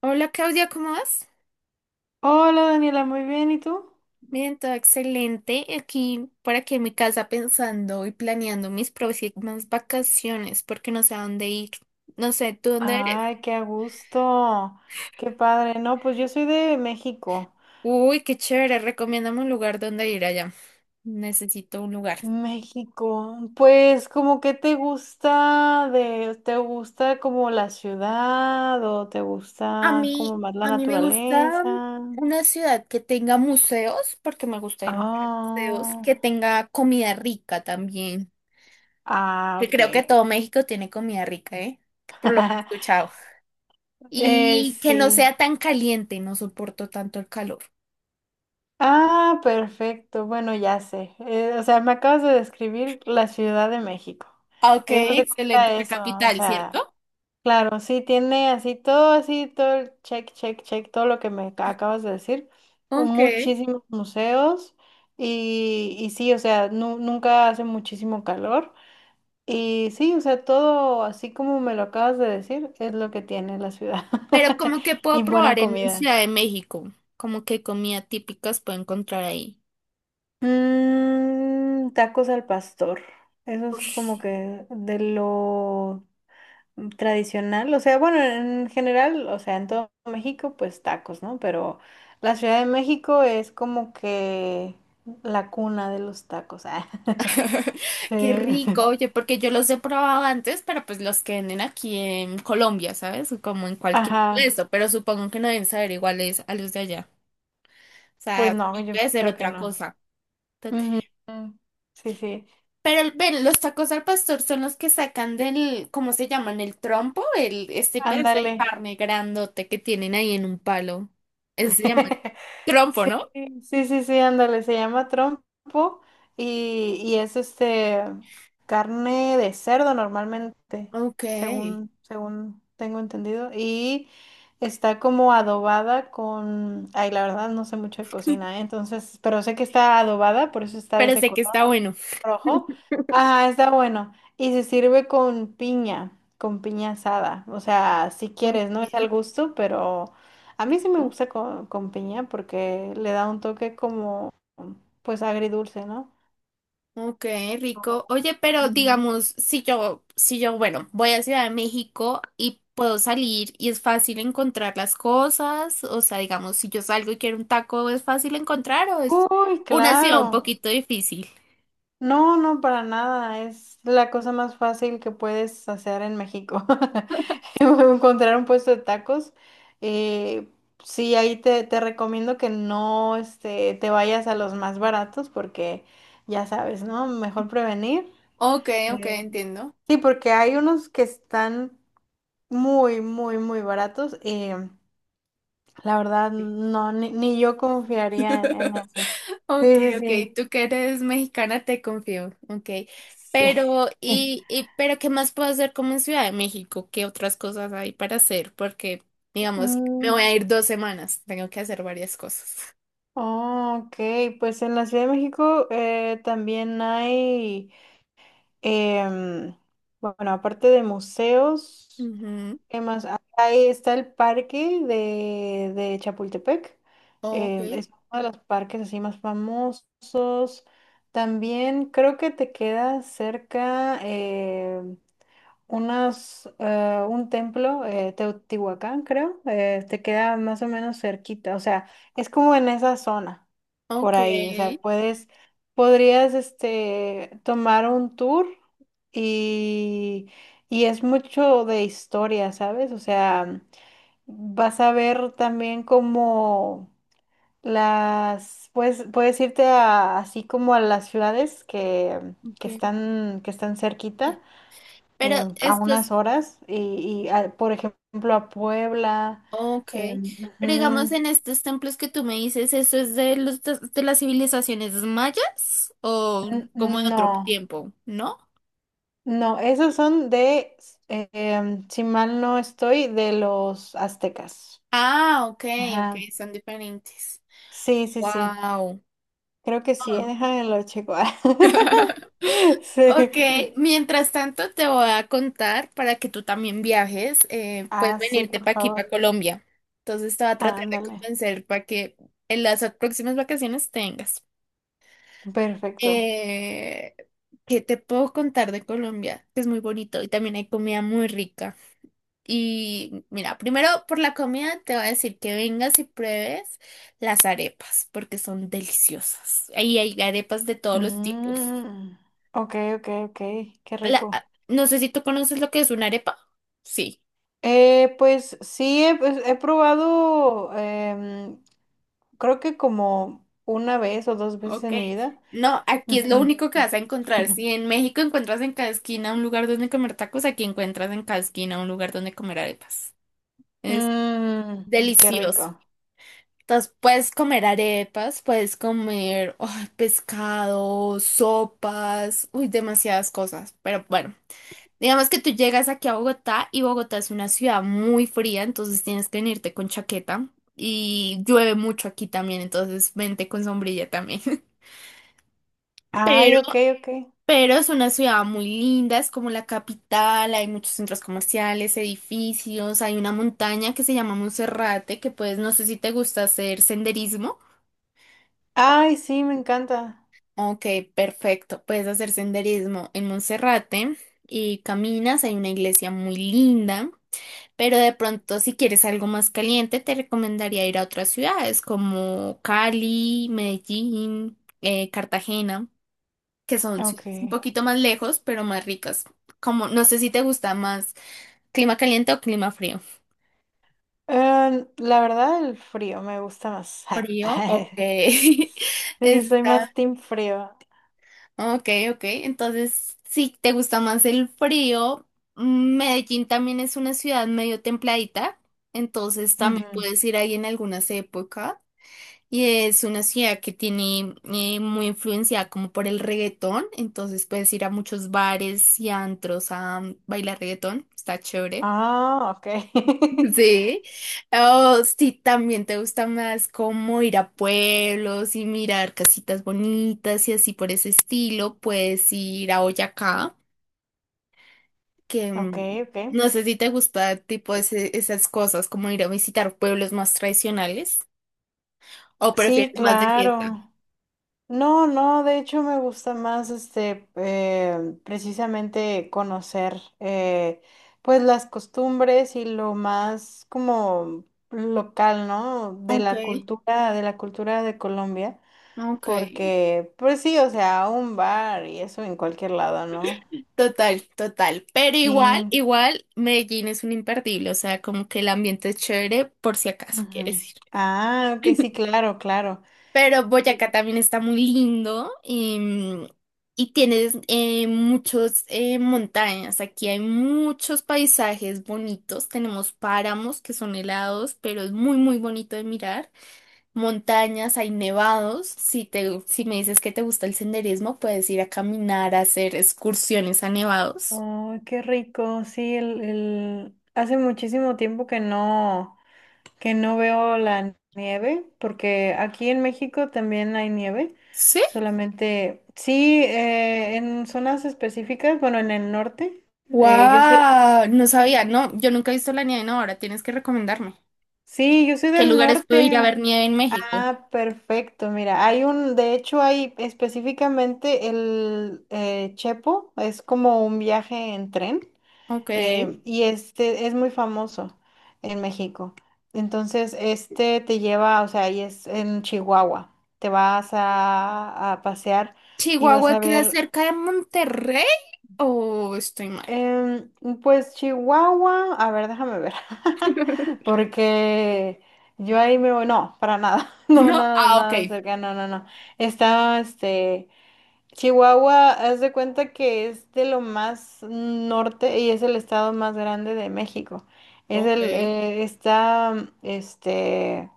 Hola Claudia, ¿cómo vas? Hola Daniela, muy bien, ¿y tú? Bien, todo excelente. Por aquí en mi casa pensando y planeando mis próximas vacaciones porque no sé a dónde ir. No sé, ¿tú dónde eres? Ay, qué a gusto, qué padre. No, pues yo soy de México. Uy, qué chévere. Recomiéndame un lugar donde ir allá. Necesito un lugar. México, pues como que te gusta te gusta como la ciudad o te A gusta como mí, más la a mí me gusta naturaleza. una ciudad que tenga museos porque me gusta ir mucho a museos, Ah, que tenga comida rica también. Que ok. creo que todo México tiene comida rica, ¿eh? Por lo que he escuchado. Y que no sí. sea tan caliente, no soporto tanto el calor. Ah, perfecto. Bueno, ya sé. O sea, me acabas de describir la Ciudad de México. Ah, ok, Eso se excelente. cuenta La eso. O capital, sea, ¿cierto? claro, sí tiene así todo el check, check, check, todo lo que me acabas de decir. Ok. Muchísimos museos. Y sí, o sea, nunca hace muchísimo calor. Y sí, o sea, todo así como me lo acabas de decir, es lo que tiene la ciudad. Pero como que puedo Y probar buena en comida. Ciudad de México, como que comida típicas puedo encontrar ahí. Mm, tacos al pastor. Eso es Ush, como que de lo tradicional. O sea, bueno, en general, o sea, en todo México, pues tacos, ¿no? Pero la Ciudad de México es como que la cuna de los tacos. ah. Sí. qué rico, oye, porque yo los he probado antes, pero pues los que venden aquí en Colombia, ¿sabes? Como en cualquier Ajá. puesto, pero supongo que no deben saber iguales a los de allá. O Pues sea, no, tiene yo que ser creo que otra no. cosa. Ujú. Sí, sí. Pero ven, los tacos al pastor son los que sacan del, ¿cómo se llaman? El trompo, el, este pedazo de Ándale. carne grandote que tienen ahí en un palo. Eso se llama trompo, Sí, ¿no? sí, sí, sí, ándale, se llama trompo y es este carne de cerdo normalmente, Ok. según, según tengo entendido, y está como adobada con, ay, la verdad no sé mucho de cocina, ¿eh? Entonces, pero sé que está adobada, por eso está de Pero ese sé que color está bueno. rojo. Ajá, está bueno. Y se sirve con piña asada. O sea, si Ok, quieres, no es al gusto, pero a mí sí me rico. gusta con, piña porque le da un toque como, pues agridulce, ¿no? Ok, rico. Oye, pero Mm. digamos, si yo, bueno, voy a Ciudad de México y puedo salir y es fácil encontrar las cosas, o sea, digamos, si yo salgo y quiero un taco, ¿es fácil encontrar o es Uy, una ciudad un claro. poquito difícil? No, no, para nada. Es la cosa más fácil que puedes hacer en México. Encontrar un puesto de tacos. eh, sí, ahí te recomiendo que no este, te vayas a los más baratos porque ya sabes, ¿no? Mejor prevenir. Ok, ok, Eh, entiendo. sí, porque hay unos que están muy, muy, muy baratos y la verdad no, ni yo confiaría en eso. Ok, Sí, ok, sí, tú que eres mexicana te confío. Ok, sí. pero Sí. y pero ¿qué más puedo hacer como en Ciudad de México? ¿Qué otras cosas hay para hacer? Porque, digamos, me Mm, voy a ir 2 semanas, tengo que hacer varias cosas. oh, ok, pues en la Ciudad de México también hay... Em, bueno, aparte de museos, Ujú. ¿qué más? Ah, ahí está el parque de Chapultepec. Ok, Em, es uno de los parques así más famosos. También creo que te queda cerca unas, un templo, Teotihuacán, creo, te queda más o menos cerquita, o sea, es como en esa zona, por ok, ahí, o sea, podrías, tomar un tour y, y es mucho de historia, ¿sabes? O sea, vas a ver también como las, pues, puedes así como a las ciudades ok. Que están cerquita Pero a unas estos, horas por ejemplo a Puebla. ok, pero digamos Ujú, en estos templos que tú me dices, ¿eso es de los de las civilizaciones mayas o como de no, otro tiempo, no? no, esos son de, si mal no estoy, de los aztecas. Ah, ok, ok, Ajá. son diferentes. Sí, sí, sí. Wow. Creo que sí, déjame lo checo. Sí. Ok, mientras tanto te voy a contar para que tú también viajes, puedes Ah, sí, venirte por para aquí, para favor. Colombia. Entonces te voy a tratar de Ándale. convencer para que en las próximas vacaciones tengas. Perfecto. Eh, ¿Qué te puedo contar de Colombia? Que es muy bonito y también hay comida muy rica. Y mira, primero por la comida te voy a decir que vengas y pruebes las arepas, porque son deliciosas. Ahí hay arepas de todos los tipos. Mm, ok, ok, ok. Qué rico. No sé si tú conoces lo que es una arepa. Sí, Pues sí, pues, he probado, creo que como una vez o dos veces ok. en mi vida. No, aquí es lo Ujú. único que vas a encontrar. Ujú. Si en México encuentras en cada esquina un lugar donde comer tacos, aquí encuentras en cada esquina un lugar donde comer arepas. Es Mm, qué delicioso. rico. Entonces puedes comer arepas, puedes comer ay, pescado, sopas, uy, demasiadas cosas. Pero bueno, digamos que tú llegas aquí a Bogotá y Bogotá es una ciudad muy fría, entonces tienes que venirte con chaqueta y llueve mucho aquí también, entonces vente con sombrilla también. Ay, Pero, ok, ok. pero es una ciudad muy linda, es como la capital, hay muchos centros comerciales, edificios, hay una montaña que se llama Monserrate, que pues no sé si te gusta hacer senderismo. Ay, sí, me encanta. Ok, perfecto. Puedes hacer senderismo en Monserrate y caminas. Hay una iglesia muy linda, pero de pronto si quieres algo más caliente, te recomendaría ir a otras ciudades como Cali, Medellín, Cartagena, que son Ok. ciudades un poquito más lejos, pero más ricas. Como no sé si te gusta más clima caliente o clima frío. La verdad, el frío me gusta más. Frío, ok. Sí, soy Está más team frío. ok, ok. Entonces, si te gusta más el frío, Medellín también es una ciudad medio templadita, entonces también Ujú. puedes ir ahí en algunas épocas. Y es una ciudad que tiene muy influenciada como por el reggaetón, entonces puedes ir a muchos bares y antros a bailar reggaetón, está chévere. Ah, ok. Sí, o si también te gusta más como ir a pueblos y mirar casitas bonitas y así por ese estilo, puedes ir a Boyacá, que Ok, ok. no sé si te gusta tipo esas cosas, como ir a visitar pueblos más tradicionales o Sí, prefieres más de fiesta. claro. No, no, de hecho me gusta más precisamente conocer pues las costumbres y lo más como local, ¿no? De Ok, la cultura, de la cultura de Colombia, ok. porque pues sí, o sea, un bar y eso en cualquier lado, ¿no? Total, total. Pero igual, Sí. igual, Medellín es un imperdible, o sea, como que el ambiente es chévere por si acaso Ujú. quieres ir. Ah, ok, sí, claro, claro. Pero Boyacá también está muy lindo y tienes muchos montañas. Aquí hay muchos paisajes bonitos. Tenemos páramos que son helados, pero es muy, muy bonito de mirar. Montañas, hay nevados. Si te, si me dices que te gusta el senderismo, puedes ir a caminar, a hacer excursiones a nevados. Oh, qué rico, sí, el... hace muchísimo tiempo que no. Que no veo la nieve, porque aquí en México también hay nieve, ¿Sí? solamente sí, en zonas específicas, bueno, en el norte, eh, yo soy, ¡Wow! No sí, sabía, no, yo nunca he visto la nieve, no, ahora tienes que recomendarme. sí, yo soy ¿Qué del lugares puedo ir a norte. ver nieve en México? Ah, perfecto, mira, hay un, de hecho hay específicamente el Chepo, es como un viaje en tren. Ok. Y este es muy famoso en México. Entonces, este te lleva, o sea, y es en Chihuahua. Te vas a pasear y vas ¿Chihuahua a queda ver, cerca de Monterrey o estoy mal? em, pues Chihuahua, a ver, déjame ver, porque yo ahí me voy, no, para nada, no, No, nada, ah, ok. nada cerca, no, no, no. Está, este... Chihuahua, haz de cuenta que es de lo más norte y es el estado más grande de México. Es Ok. el, está, este,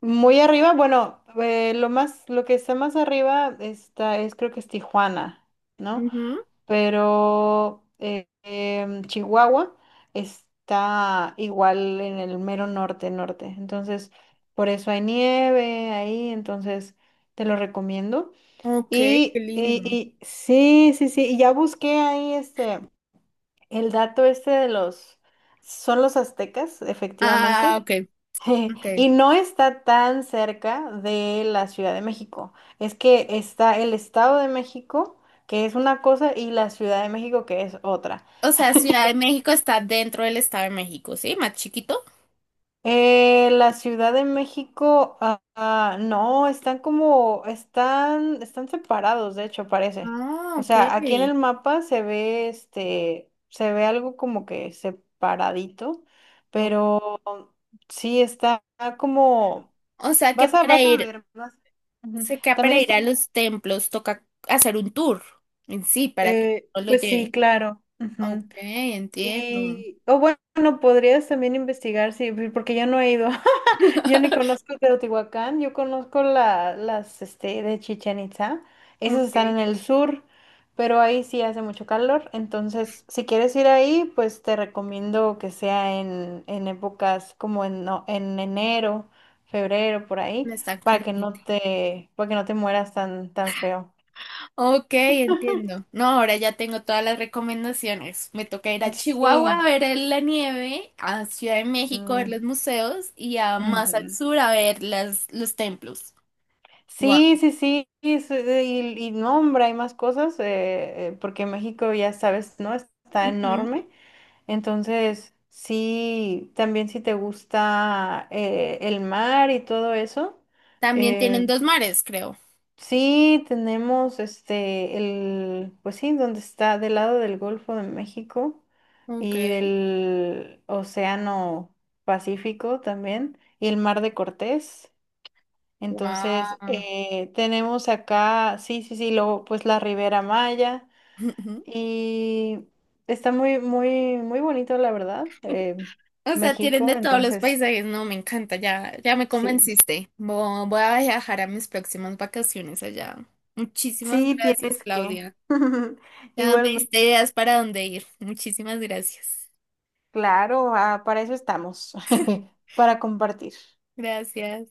muy arriba. Bueno, lo más, lo que está más arriba está, es creo que es Tijuana, ¿no? Ujú. Pero Chihuahua está igual en el mero norte, norte. Entonces, por eso hay nieve ahí. Entonces, te lo recomiendo. Ok, qué Y, lindo. y, y sí, sí, sí, y ya busqué ahí el dato este de los, son los aztecas, Ah, efectivamente, ok, ok. y no está tan cerca de la Ciudad de México, es que está el Estado de México, que es una cosa, y la Ciudad de México, que es otra. O sea, Ciudad de México está dentro del Estado de México, ¿sí? Más chiquito. La Ciudad de México, no, están como, están, están separados, de hecho, parece. Ah, O ok. sea, aquí en el mapa se ve, se ve algo como que separadito, O pero sí está como, o sea que vas a, para ir, ujú. sé que También para ir está, a los templos toca hacer un tour en sí para que no lo pues sí, lleve. claro. Ok, Ujú. entiendo. Y, o bueno, podrías también investigar, sí, porque yo no he ido, yo ni conozco Teotihuacán, yo conozco las, de Chichén Itzá, esas Ok, están en el sur, pero ahí sí hace mucho calor, entonces si quieres ir ahí, pues te recomiendo que sea en épocas como en, no- en enero, febrero, por ahí, no es tan para que no caliente. te, para que no te mueras tan, tan feo. Ok, entiendo. No, ahora ya tengo todas las recomendaciones. Me toca ir a Sí. Chihuahua a ver la nieve, a Ciudad de México a ver Mm, los museos y a más al ujú. sur a ver las, los templos. Wow. Sí, sí, sí, y no, hombre, hay más cosas, porque México, ya sabes, ¿no? Está Ujú. enorme. Entonces, sí, también si te gusta el mar y todo eso, También eh, tienen dos mares, creo. sí, tenemos pues sí, donde está del lado del Golfo de México Ok. y del Océano Pacífico también, y el Mar de Cortés. Entonces, Wow. Tenemos acá, sí, sí, sí, luego pues la Ribera Maya y está muy, muy, muy bonito, la verdad, O sea, tienen México, de todos los entonces, paisajes. No, me encanta, ya, ya me sí, convenciste. Voy a viajar a mis próximas vacaciones allá. Muchísimas sí, gracias, tienes que. Claudia. Ya me Igualmente, diste ideas para dónde ir. Muchísimas gracias. claro, ah, para eso estamos, para compartir. Gracias.